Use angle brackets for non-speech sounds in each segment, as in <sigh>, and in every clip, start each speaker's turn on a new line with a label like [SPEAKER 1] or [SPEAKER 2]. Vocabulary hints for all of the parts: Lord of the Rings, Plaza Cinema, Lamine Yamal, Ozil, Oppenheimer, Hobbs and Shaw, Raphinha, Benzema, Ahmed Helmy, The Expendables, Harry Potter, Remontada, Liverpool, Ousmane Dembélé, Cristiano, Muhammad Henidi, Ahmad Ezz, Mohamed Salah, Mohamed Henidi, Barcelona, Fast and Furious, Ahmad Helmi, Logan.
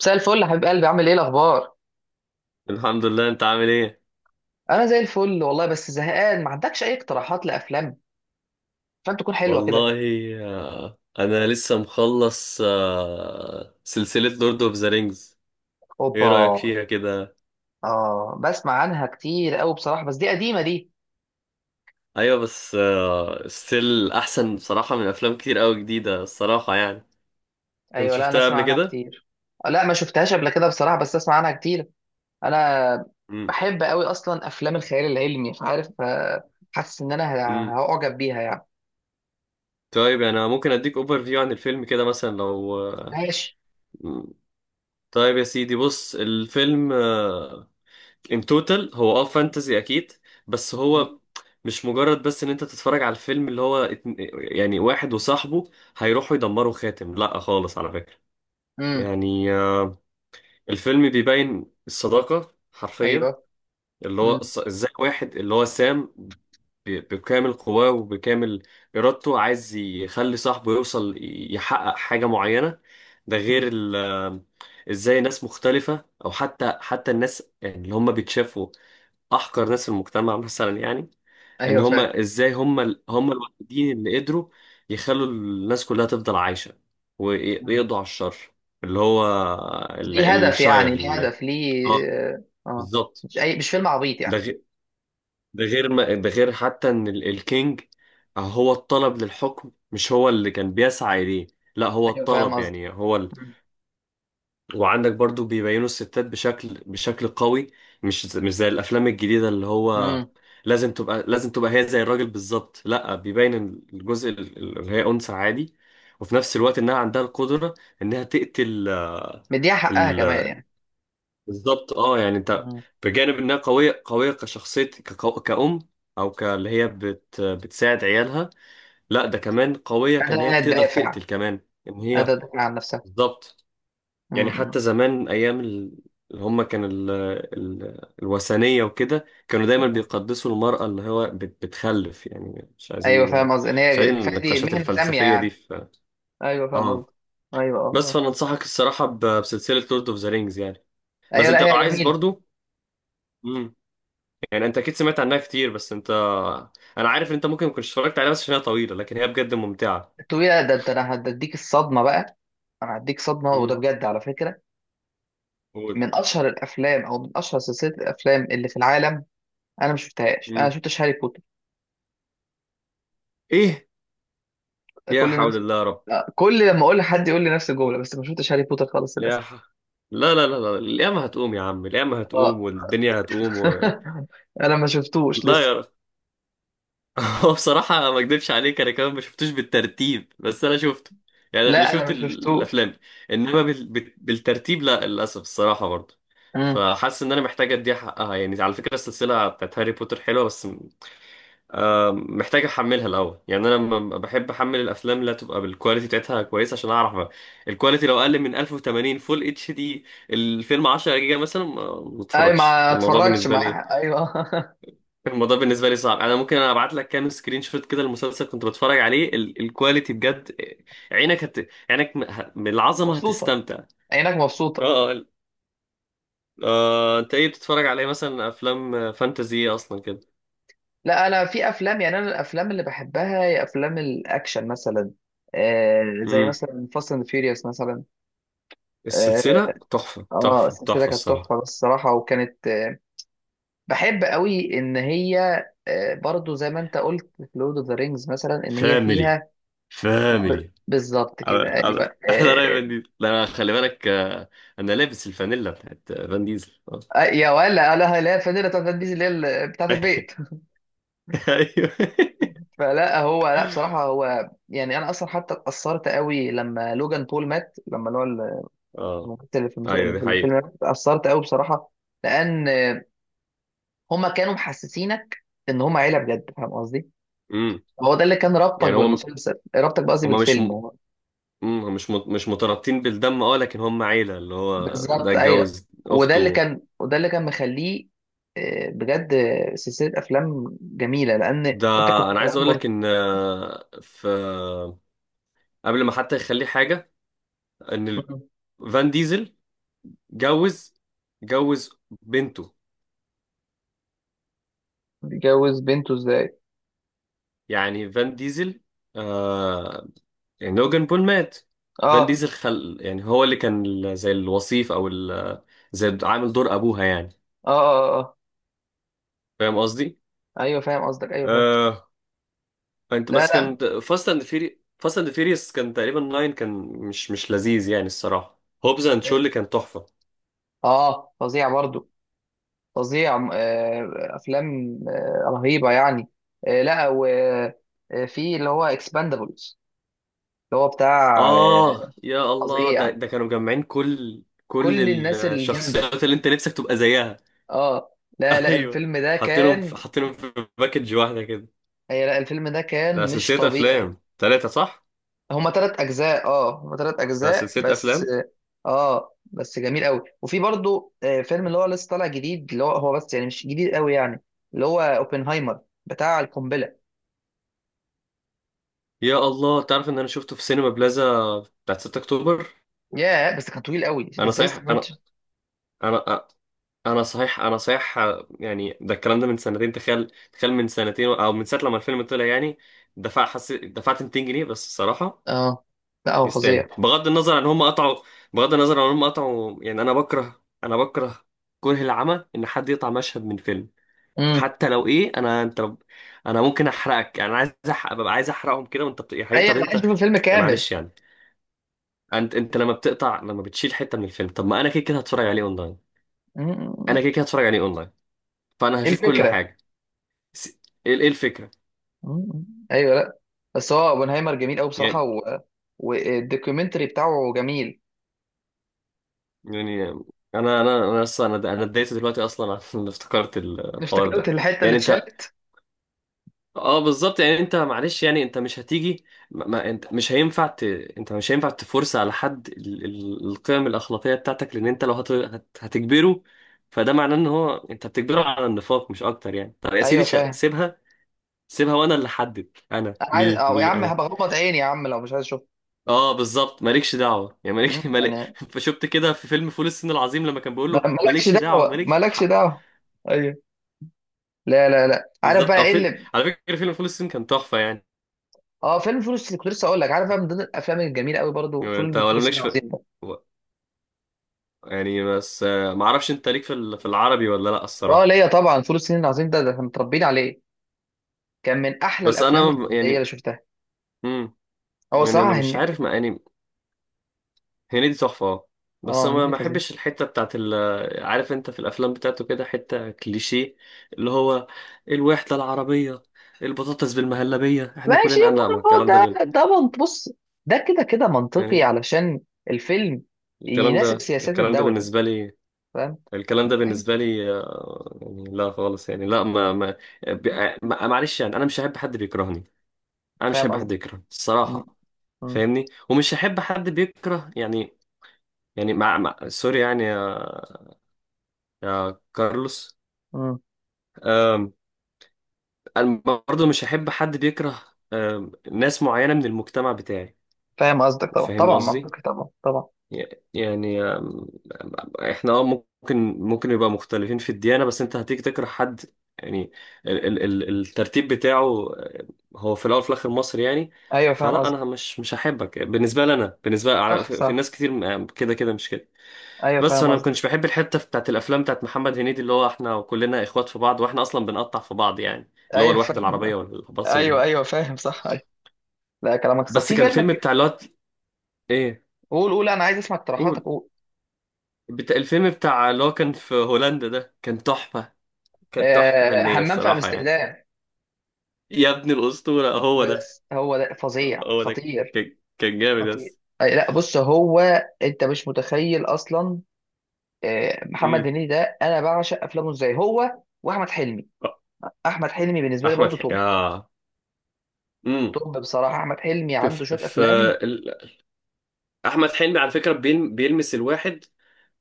[SPEAKER 1] مساء الفل يا حبيب قلبي، عامل ايه الاخبار؟
[SPEAKER 2] الحمد لله. انت عامل ايه؟
[SPEAKER 1] انا زي الفل والله، بس زهقان. ما عندكش اي اقتراحات لافلام فاهم، تكون حلوه كده؟
[SPEAKER 2] والله، انا لسه مخلص سلسلة لورد اوف ذا رينجز. ايه
[SPEAKER 1] اوبا.
[SPEAKER 2] رأيك فيها كده؟
[SPEAKER 1] اه، بسمع عنها كتير قوي بصراحه، بس دي قديمه دي.
[SPEAKER 2] ايوه بس ستيل احسن بصراحة من افلام كتير قوي جديدة الصراحة يعني. انت
[SPEAKER 1] ايوه، لا انا
[SPEAKER 2] شفتها
[SPEAKER 1] اسمع
[SPEAKER 2] قبل
[SPEAKER 1] عنها
[SPEAKER 2] كده؟
[SPEAKER 1] كتير. لا، ما شفتهاش قبل كده بصراحه، بس اسمع عنها كتير. انا
[SPEAKER 2] امم
[SPEAKER 1] بحب قوي اصلا افلام الخيال العلمي، مش عارف، حاسس ان انا
[SPEAKER 2] امم
[SPEAKER 1] هعجب بيها يعني.
[SPEAKER 2] طيب، يعني انا ممكن اديك اوفر فيو عن الفيلم كده، مثلا لو
[SPEAKER 1] ماشي.
[SPEAKER 2] مم. طيب يا سيدي، بص الفيلم ان توتال هو اه فانتزي اكيد، بس هو مش مجرد بس ان انت تتفرج على الفيلم اللي هو يعني واحد وصاحبه هيروحوا يدمروا خاتم لا خالص على فكرة.
[SPEAKER 1] امم.
[SPEAKER 2] يعني الفيلم بيبين الصداقة حرفيا،
[SPEAKER 1] ايوه.
[SPEAKER 2] اللي هو
[SPEAKER 1] امم.
[SPEAKER 2] ازاي واحد اللي هو سام بكامل قواه وبكامل إرادته عايز يخلي صاحبه يوصل يحقق حاجة معينة. ده غير ازاي ناس مختلفة، او حتى الناس يعني اللي هم بيتشافوا احقر ناس في المجتمع مثلا، يعني ان
[SPEAKER 1] ايوه،
[SPEAKER 2] هم
[SPEAKER 1] فاهم.
[SPEAKER 2] ازاي هم هم الوحيدين اللي قدروا يخلوا الناس كلها تفضل عايشه ويقضوا على الشر اللي هو ال-
[SPEAKER 1] ليه هدف
[SPEAKER 2] الشاير
[SPEAKER 1] يعني، ليه هدف، ليه؟
[SPEAKER 2] اه،
[SPEAKER 1] اه. آه،
[SPEAKER 2] بالظبط.
[SPEAKER 1] مش اي، مش فيلم عبيط
[SPEAKER 2] ده
[SPEAKER 1] يعني.
[SPEAKER 2] غير ده غير حتى ان الكينج هو الطلب للحكم مش هو اللي كان بيسعى اليه، لا هو
[SPEAKER 1] ايوه، فاهم
[SPEAKER 2] الطلب
[SPEAKER 1] قصدي.
[SPEAKER 2] يعني هو. وعندك برضو بيبينوا الستات بشكل قوي، مش مش زي الافلام الجديده اللي هو
[SPEAKER 1] امم.
[SPEAKER 2] لازم تبقى هي زي الراجل بالظبط. لا، بيبين الجزء اللي هي انثى عادي، وفي نفس الوقت انها عندها القدره انها تقتل.
[SPEAKER 1] مديها حقها كمان
[SPEAKER 2] ال-
[SPEAKER 1] يعني.
[SPEAKER 2] بالظبط، اه يعني انت،
[SPEAKER 1] مم.
[SPEAKER 2] بجانب انها قويه كشخصيه، كأم او اللي هي بتساعد عيالها، لا ده كمان قويه كان،
[SPEAKER 1] قادرة
[SPEAKER 2] هي
[SPEAKER 1] انها
[SPEAKER 2] تقدر
[SPEAKER 1] تدافع.
[SPEAKER 2] تقتل كمان. ان هي...
[SPEAKER 1] قادرة تدافع عن نفسها.
[SPEAKER 2] بالظبط.
[SPEAKER 1] مم.
[SPEAKER 2] يعني
[SPEAKER 1] مم.
[SPEAKER 2] حتى زمان ايام اللي هم كان الوثنيه وكده، كانوا دايما
[SPEAKER 1] مم.
[SPEAKER 2] بيقدسوا المراه اللي هو بتخلف يعني، مش
[SPEAKER 1] ايوه،
[SPEAKER 2] عايزين...
[SPEAKER 1] فاهم قصدي ان هي
[SPEAKER 2] خلينا
[SPEAKER 1] كفايه، دي
[SPEAKER 2] النقاشات
[SPEAKER 1] مهنة سامية
[SPEAKER 2] الفلسفيه دي
[SPEAKER 1] يعني.
[SPEAKER 2] في...
[SPEAKER 1] ايوه، فاهم قصدي.
[SPEAKER 2] اه.
[SPEAKER 1] ايوه، اه،
[SPEAKER 2] بس
[SPEAKER 1] آه.
[SPEAKER 2] فانا انصحك الصراحه بسلسله لورد اوف ذا رينجز يعني. بس
[SPEAKER 1] ايوه، لا
[SPEAKER 2] انت لو
[SPEAKER 1] هي
[SPEAKER 2] عايز
[SPEAKER 1] جميلة.
[SPEAKER 2] برضو. امم يعني انت اكيد سمعت عنها كتير، بس انت، انا عارف ان انت ممكن ما كنتش اتفرجت عليها بس عشان هي طويله، لكن هي بجد ممتعه.
[SPEAKER 1] الطويلة ده ده انا هديك الصدمة بقى. انا هديك صدمة، وده
[SPEAKER 2] امم
[SPEAKER 1] بجد على فكرة.
[SPEAKER 2] قول.
[SPEAKER 1] من اشهر الافلام، او من اشهر سلسلة الافلام اللي في العالم. انا ما شفتهاش، انا ما
[SPEAKER 2] امم
[SPEAKER 1] شفتش هاري بوتر.
[SPEAKER 2] ايه؟ يا
[SPEAKER 1] كل
[SPEAKER 2] حول
[SPEAKER 1] الناس.
[SPEAKER 2] الله يا رب.
[SPEAKER 1] لا، كل لما اقول لحد يقول لي نفس الجمله، بس ما شفتش هاري بوتر خالص للاسف.
[SPEAKER 2] يا ح- لا لا لا لا، القيامة هتقوم يا عم، القيامة هتقوم
[SPEAKER 1] اه.
[SPEAKER 2] والدنيا هتقوم و...
[SPEAKER 1] <laughs> انا ما شفتوش
[SPEAKER 2] لا
[SPEAKER 1] لسه.
[SPEAKER 2] يا رب. <laughs> هو بصراحة ما اكدبش عليك، انا كمان ما شفتوش بالترتيب، بس انا شفته، يعني انا
[SPEAKER 1] لا، انا
[SPEAKER 2] شفت
[SPEAKER 1] ما شفتوش.
[SPEAKER 2] الافلام انما بالترتيب لا، للاسف الصراحة برضه.
[SPEAKER 1] امم.
[SPEAKER 2] فحاسس ان انا محتاج اديها حقها، يعني على فكرة السلسلة بتاعت هاري بوتر حلوة، بس محتاج احملها الاول. يعني انا لما بحب احمل الافلام اللي تبقى بالكواليتي بتاعتها كويسه عشان اعرف الكواليتي، لو اقل من 1080 فول اتش دي، الفيلم 10 جيجا مثلا، ما
[SPEAKER 1] اي،
[SPEAKER 2] اتفرجش.
[SPEAKER 1] ما
[SPEAKER 2] الموضوع
[SPEAKER 1] اتفرجتش،
[SPEAKER 2] بالنسبه لي،
[SPEAKER 1] مع ايوه. <laughs>
[SPEAKER 2] الموضوع بالنسبه لي صعب. انا ممكن انا ابعت لك كام سكرين شوت كده، المسلسل كنت بتفرج عليه الكواليتي بجد، عينك عينك من العظمه
[SPEAKER 1] مبسوطه.
[SPEAKER 2] هتستمتع.
[SPEAKER 1] عينك مبسوطه.
[SPEAKER 2] اه اه. انت ايه بتتفرج عليه مثلا؟ افلام فانتازي اصلا كده؟
[SPEAKER 1] لا، انا في افلام يعني، انا الافلام اللي بحبها هي افلام الاكشن مثلا. آه، زي
[SPEAKER 2] امم
[SPEAKER 1] مثلا فاست اند فيوريوس مثلا. اه،
[SPEAKER 2] السلسله
[SPEAKER 1] السلسله
[SPEAKER 2] تحفه
[SPEAKER 1] كانت
[SPEAKER 2] الصراحه.
[SPEAKER 1] تحفه الصراحه، وكانت بحب قوي ان هي برضو زي ما انت قلت في لورد اوف ذا رينجز مثلا، ان هي
[SPEAKER 2] فاميلي،
[SPEAKER 1] فيها.
[SPEAKER 2] فاميلي.
[SPEAKER 1] بالظبط كده، ايوه
[SPEAKER 2] احلى راي
[SPEAKER 1] آه،
[SPEAKER 2] فان ديزل، لا أنا خلي بالك، انا لابس الفانيلا بتاعت فان ديزل.
[SPEAKER 1] يا ولا، لا لا الفانيلا بتاعت فان ديزل اللي هي بتاعت البيت.
[SPEAKER 2] <laughs> ايوه
[SPEAKER 1] <laughs> فلا، هو لا بصراحه، هو يعني انا اصلا حتى اتاثرت قوي لما لوجان بول مات، لما اللي هو
[SPEAKER 2] اه.
[SPEAKER 1] الممثل اللي في
[SPEAKER 2] ايوه
[SPEAKER 1] اللي
[SPEAKER 2] دي
[SPEAKER 1] في الفيلم
[SPEAKER 2] حقيقة.
[SPEAKER 1] مات، اتاثرت قوي بصراحه. لان هما كانوا محسسينك ان هما عيله بجد، فاهم قصدي.
[SPEAKER 2] امم
[SPEAKER 1] هو ده اللي كان رابطك
[SPEAKER 2] يعني هم،
[SPEAKER 1] بالمسلسل، رابطك بقصدي
[SPEAKER 2] هم مش
[SPEAKER 1] بالفيلم.
[SPEAKER 2] م... هم مش مش مترابطين بالدم اه، لكن هم عيلة، اللي هو ده
[SPEAKER 1] بالظبط، ايوه.
[SPEAKER 2] اتجوز
[SPEAKER 1] وده اللي
[SPEAKER 2] اخته.
[SPEAKER 1] كان، وده اللي كان مخليه. بجد، سلسله افلام جميله، لان
[SPEAKER 2] ده،
[SPEAKER 1] انت كنت
[SPEAKER 2] انا عايز
[SPEAKER 1] كمان
[SPEAKER 2] اقول لك
[SPEAKER 1] مرت.
[SPEAKER 2] ان في، قبل ما حتى يخليه حاجة، ان فان ديزل جوز جوز بنته.
[SPEAKER 1] متجوز بنته ازاي؟
[SPEAKER 2] يعني فان ديزل آه يعني لوجان بول مات،
[SPEAKER 1] اه،
[SPEAKER 2] فان
[SPEAKER 1] اه.
[SPEAKER 2] ديزل خل، يعني هو اللي كان زي الوصيف او زي عامل دور ابوها يعني.
[SPEAKER 1] اه، اه. آه.
[SPEAKER 2] فاهم قصدي؟
[SPEAKER 1] ايوه، فاهم قصدك، ايوه فاهم.
[SPEAKER 2] آه انت
[SPEAKER 1] لا،
[SPEAKER 2] بس
[SPEAKER 1] لا.
[SPEAKER 2] كان فاست اند فيريس كان تقريبا ناين، كان مش مش لذيذ يعني الصراحه، هوبز اند شو اللي كان تحفه.
[SPEAKER 1] اه، فظيع برضو. فظيع. افلام رهيبه يعني. لا، وفي اللي هو اكسباندابلز. اللي هو بتاع
[SPEAKER 2] اه
[SPEAKER 1] آه،
[SPEAKER 2] يا الله، ده
[SPEAKER 1] فظيع.
[SPEAKER 2] ده كانوا مجمعين كل
[SPEAKER 1] كل الناس الجامده.
[SPEAKER 2] الشخصيات اللي انت نفسك تبقى زيها.
[SPEAKER 1] اه، لا
[SPEAKER 2] <laughs>
[SPEAKER 1] لا
[SPEAKER 2] ايوه،
[SPEAKER 1] الفيلم ده كان.
[SPEAKER 2] حاطينهم في باكج واحده كده.
[SPEAKER 1] هي لا، الفيلم ده
[SPEAKER 2] ده
[SPEAKER 1] كان مش
[SPEAKER 2] سلسلة
[SPEAKER 1] طبيعي.
[SPEAKER 2] أفلام تلاتة صح؟
[SPEAKER 1] هما تلات اجزاء، اه هما تلات
[SPEAKER 2] ده
[SPEAKER 1] اجزاء
[SPEAKER 2] سلسلة
[SPEAKER 1] بس.
[SPEAKER 2] أفلام.
[SPEAKER 1] اه، بس جميل قوي، وفي برضو فيلم اللي هو لسه طالع جديد، اللي هو بس يعني مش جديد قوي يعني. اللي هو اوبنهايمر. بتاع القنبله.
[SPEAKER 2] يا الله، تعرف إن أنا شفته في سينما بلازا بتاعت 6 أكتوبر؟
[SPEAKER 1] ياه، بس كان طويل قوي،
[SPEAKER 2] أنا
[SPEAKER 1] ازاي
[SPEAKER 2] صحيح
[SPEAKER 1] استحملت؟
[SPEAKER 2] أنا أنا أنا صحيح أنا صحيح، يعني ده الكلام ده من سنتين، تخيل، تخيل من سنتين أو من ساعة لما الفيلم طلع يعني. دفعت 200 جنيه بس الصراحة،
[SPEAKER 1] اه. لا هو
[SPEAKER 2] يستاهل.
[SPEAKER 1] فظيع.
[SPEAKER 2] بغض النظر عن هم قطعوا، يعني أنا بكره كره العمى إن حد يقطع مشهد من فيلم.
[SPEAKER 1] امم.
[SPEAKER 2] حتى لو ايه انا، انا ممكن احرقك يعني، انا عايز أحرق، عايز احرقهم كده، وانت يا حبيبي،
[SPEAKER 1] ايوه،
[SPEAKER 2] طب
[SPEAKER 1] انا عايز
[SPEAKER 2] انت،
[SPEAKER 1] اشوف الفيلم كامل.
[SPEAKER 2] معلش يعني، انت لما بتقطع، لما بتشيل حته من الفيلم، طب ما انا كده كده هتفرج عليه اونلاين.
[SPEAKER 1] مم.
[SPEAKER 2] انا كده كده هتفرج عليه اونلاين، فانا
[SPEAKER 1] ايه
[SPEAKER 2] هشوف كل
[SPEAKER 1] الفكره؟
[SPEAKER 2] حاجه. س- ايه الفكره؟
[SPEAKER 1] مم. ايوه، لا. بس هو اوبنهايمر جميل قوي بصراحه
[SPEAKER 2] يعني،
[SPEAKER 1] و... والدوكيومنتري بتاعه جميل.
[SPEAKER 2] يعني انا اصلا، انا اتضايقت دلوقتي اصلا <laughs> عشان افتكرت الحوار
[SPEAKER 1] افتكرت
[SPEAKER 2] ده.
[SPEAKER 1] الحته اللي
[SPEAKER 2] يعني انت
[SPEAKER 1] اتشالت.
[SPEAKER 2] اه بالظبط، يعني انت معلش يعني، انت مش هتيجي، انت مش هينفع انت مش هينفع تفرس على حد القيم الاخلاقيه بتاعتك، لان انت لو هتجبره، فده معناه ان هو انت بتجبره على النفاق مش اكتر يعني. طب يا
[SPEAKER 1] ايوه،
[SPEAKER 2] سيدي
[SPEAKER 1] فاهم.
[SPEAKER 2] سيبها، سيبها وانا اللي احدد انا،
[SPEAKER 1] انا عايز،
[SPEAKER 2] مي
[SPEAKER 1] أو يا
[SPEAKER 2] مي
[SPEAKER 1] عم
[SPEAKER 2] انا.
[SPEAKER 1] هبغمض عيني يا عم لو مش عايز اشوف.
[SPEAKER 2] اه بالظبط، مالكش دعوه يعني، مالك
[SPEAKER 1] مم.
[SPEAKER 2] مالك
[SPEAKER 1] يعني،
[SPEAKER 2] <laughs> فشفت كده في فيلم فول الصين العظيم لما كان بيقول له
[SPEAKER 1] مالكش
[SPEAKER 2] مالكش دعوه
[SPEAKER 1] دعوه،
[SPEAKER 2] مالكش
[SPEAKER 1] مالكش
[SPEAKER 2] حق.
[SPEAKER 1] دعوه. ايوه. لا لا، لا عارف
[SPEAKER 2] بالظبط.
[SPEAKER 1] بقى
[SPEAKER 2] او
[SPEAKER 1] ايه
[SPEAKER 2] فيلم،
[SPEAKER 1] اللي.
[SPEAKER 2] على فكره فيلم فول الصين كان تحفه يعني.
[SPEAKER 1] اه، فيلم فول الصين كنت لسه اقول لك، عارف بقى من ضمن الافلام الجميله قوي برضو،
[SPEAKER 2] يعني انت
[SPEAKER 1] فول
[SPEAKER 2] ولا
[SPEAKER 1] الصين
[SPEAKER 2] مالكش في...
[SPEAKER 1] العظيم ده.
[SPEAKER 2] يعني بس ما اعرفش انت ليك في في العربي ولا لا
[SPEAKER 1] اه،
[SPEAKER 2] الصراحه.
[SPEAKER 1] ليا طبعا، فول الصين العظيم ده احنا متربيين عليه. كان من احلى الافلام الكوميديه
[SPEAKER 2] يعني،
[SPEAKER 1] اللي شفتها.
[SPEAKER 2] امم
[SPEAKER 1] هو
[SPEAKER 2] يعني انا
[SPEAKER 1] صراحه
[SPEAKER 2] مش
[SPEAKER 1] هن...
[SPEAKER 2] عارف ما يعني. هنيدي تحفه اه، بس
[SPEAKER 1] اه،
[SPEAKER 2] انا ما
[SPEAKER 1] هنيدي
[SPEAKER 2] ما
[SPEAKER 1] فظيع.
[SPEAKER 2] بحبش الحته بتاعت ال... عارف، انت في الافلام بتاعته كده حته كليشيه، اللي هو الوحده العربيه، البطاطس بالمهلبيه، احنا
[SPEAKER 1] ماشي
[SPEAKER 2] كلنا، انا لا، ما
[SPEAKER 1] ما هو
[SPEAKER 2] الكلام ده
[SPEAKER 1] ده، بص. ده كده كده منطقي
[SPEAKER 2] يعني،
[SPEAKER 1] علشان الفيلم يناسب سياسات
[SPEAKER 2] الكلام ده
[SPEAKER 1] الدوله.
[SPEAKER 2] بالنسبه لي،
[SPEAKER 1] فاهم.
[SPEAKER 2] الكلام ده بالنسبه لي يعني لا خالص، يعني لا ما معلش يعني، انا مش هحب حد بيكرهني. انا مش هحب
[SPEAKER 1] فاهم.
[SPEAKER 2] حد يكرهني
[SPEAKER 1] مم.
[SPEAKER 2] الصراحه،
[SPEAKER 1] مم.
[SPEAKER 2] فاهمني؟ ومش هحب حد بيكره يعني، يعني مع، مع سوري يعني يا، يا كارلوس.
[SPEAKER 1] مم.
[SPEAKER 2] أم، انا برضه مش هحب حد بيكره ناس معينة من المجتمع بتاعي.
[SPEAKER 1] فاهم قصدك، طبعا
[SPEAKER 2] فاهم
[SPEAKER 1] طبعا
[SPEAKER 2] قصدي؟
[SPEAKER 1] منطقي، طبعا طبعا.
[SPEAKER 2] ي- يعني احنا اه ممكن يبقى مختلفين في الديانة، بس انت هتيجي تكره حد يعني؟ ال الترتيب بتاعه أه، هو في الاول وفي الاخر مصري يعني.
[SPEAKER 1] ايوه، فاهم
[SPEAKER 2] فلا،
[SPEAKER 1] قصدك.
[SPEAKER 2] انا مش هحبك، بالنسبة لي انا، بالنسبة
[SPEAKER 1] صح
[SPEAKER 2] في، في
[SPEAKER 1] صح،
[SPEAKER 2] ناس كتير كده كده مش كده.
[SPEAKER 1] ايوه.
[SPEAKER 2] بس
[SPEAKER 1] فاهم
[SPEAKER 2] انا ما
[SPEAKER 1] قصدك،
[SPEAKER 2] كنتش بحب الحته بتاعت الافلام بتاعت محمد هنيدي، اللي هو احنا كلنا اخوات في بعض واحنا اصلا بنقطع في بعض، يعني اللي هو
[SPEAKER 1] ايوه
[SPEAKER 2] الوحده
[SPEAKER 1] فاهم.
[SPEAKER 2] العربيه والباص
[SPEAKER 1] ايوه
[SPEAKER 2] المال.
[SPEAKER 1] ايوه، فاهم، صح ايوه. لا، كلامك صح،
[SPEAKER 2] بس
[SPEAKER 1] في
[SPEAKER 2] كان
[SPEAKER 1] فيلم
[SPEAKER 2] فيلم
[SPEAKER 1] ك-
[SPEAKER 2] بتاع اللي هو ايه،
[SPEAKER 1] قول قول، انا عايز اسمع اقتراحاتك،
[SPEAKER 2] قول،
[SPEAKER 1] قول.
[SPEAKER 2] بتاع الفيلم بتاع اللي هو كان في هولندا ده، كان تحفه، كان تحفه فنيه
[SPEAKER 1] همام في
[SPEAKER 2] الصراحه يعني.
[SPEAKER 1] امستردام.
[SPEAKER 2] يا ابن الاسطوره، هو ده.
[SPEAKER 1] بس هو ده فظيع،
[SPEAKER 2] هو ده
[SPEAKER 1] خطير.
[SPEAKER 2] كان جامد
[SPEAKER 1] خطير.
[SPEAKER 2] بس.
[SPEAKER 1] أي، لا بص هو. انت مش متخيل اصلا. محمد
[SPEAKER 2] امم
[SPEAKER 1] هنيدي ده انا بعشق افلامه ازاي، هو واحمد حلمي. احمد حلمي بالنسبه لي
[SPEAKER 2] احمد
[SPEAKER 1] برضو
[SPEAKER 2] حلمي
[SPEAKER 1] توب.
[SPEAKER 2] اه. امم
[SPEAKER 1] توب بصراحه، احمد حلمي
[SPEAKER 2] في،
[SPEAKER 1] عنده
[SPEAKER 2] في
[SPEAKER 1] شويه
[SPEAKER 2] في
[SPEAKER 1] افلام.
[SPEAKER 2] ال- احمد حلمي على فكره بيلمس الواحد.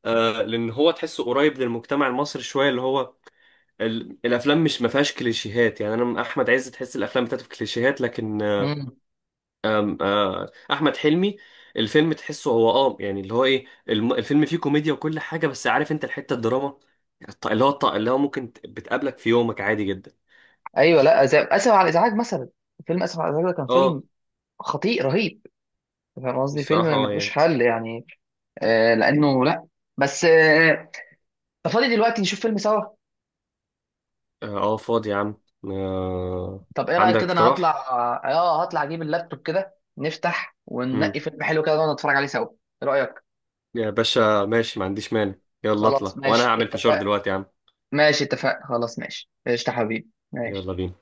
[SPEAKER 2] لان هو تحسه قريب للمجتمع المصري شويه، اللي هو الافلام مش ما فيهاش كليشيهات يعني، انا من احمد عز تحس الافلام بتاعته في كليشيهات، لكن آه،
[SPEAKER 1] مم.
[SPEAKER 2] آم، آه، احمد حلمي الفيلم تحسه هو اه، يعني اللي هو ايه الفيلم فيه كوميديا وكل حاجه، بس عارف، انت الحته الدراما اللي هو ممكن بتقابلك في يومك عادي جدا.
[SPEAKER 1] ايوه، لا زي اسف على الازعاج مثلا. فيلم اسف على الازعاج ده كان
[SPEAKER 2] اه
[SPEAKER 1] فيلم خطير رهيب. فاهم قصدي، فيلم
[SPEAKER 2] الصراحه اه
[SPEAKER 1] ملوش
[SPEAKER 2] يعني،
[SPEAKER 1] حل يعني. لانه، لا. بس أنت فاضي دلوقتي؟ نشوف فيلم سوا؟
[SPEAKER 2] اه فاضي يا عم. آه،
[SPEAKER 1] طب ايه رايك
[SPEAKER 2] عندك
[SPEAKER 1] كده، انا هطلع،
[SPEAKER 2] اقتراح.
[SPEAKER 1] هطلع اجيب اللابتوب كده، نفتح
[SPEAKER 2] مم.
[SPEAKER 1] وننقي فيلم حلو كده ونقعد نتفرج عليه سوا. ايه رايك؟
[SPEAKER 2] يا باشا ماشي، ما عنديش مانع. يلا
[SPEAKER 1] خلاص
[SPEAKER 2] اطلع، وانا
[SPEAKER 1] ماشي،
[SPEAKER 2] هعمل فشار
[SPEAKER 1] اتفق.
[SPEAKER 2] دلوقتي يا عم.
[SPEAKER 1] ماشي اتفق، خلاص ماشي، قشطة حبيبي ماشي.
[SPEAKER 2] يلا بينا.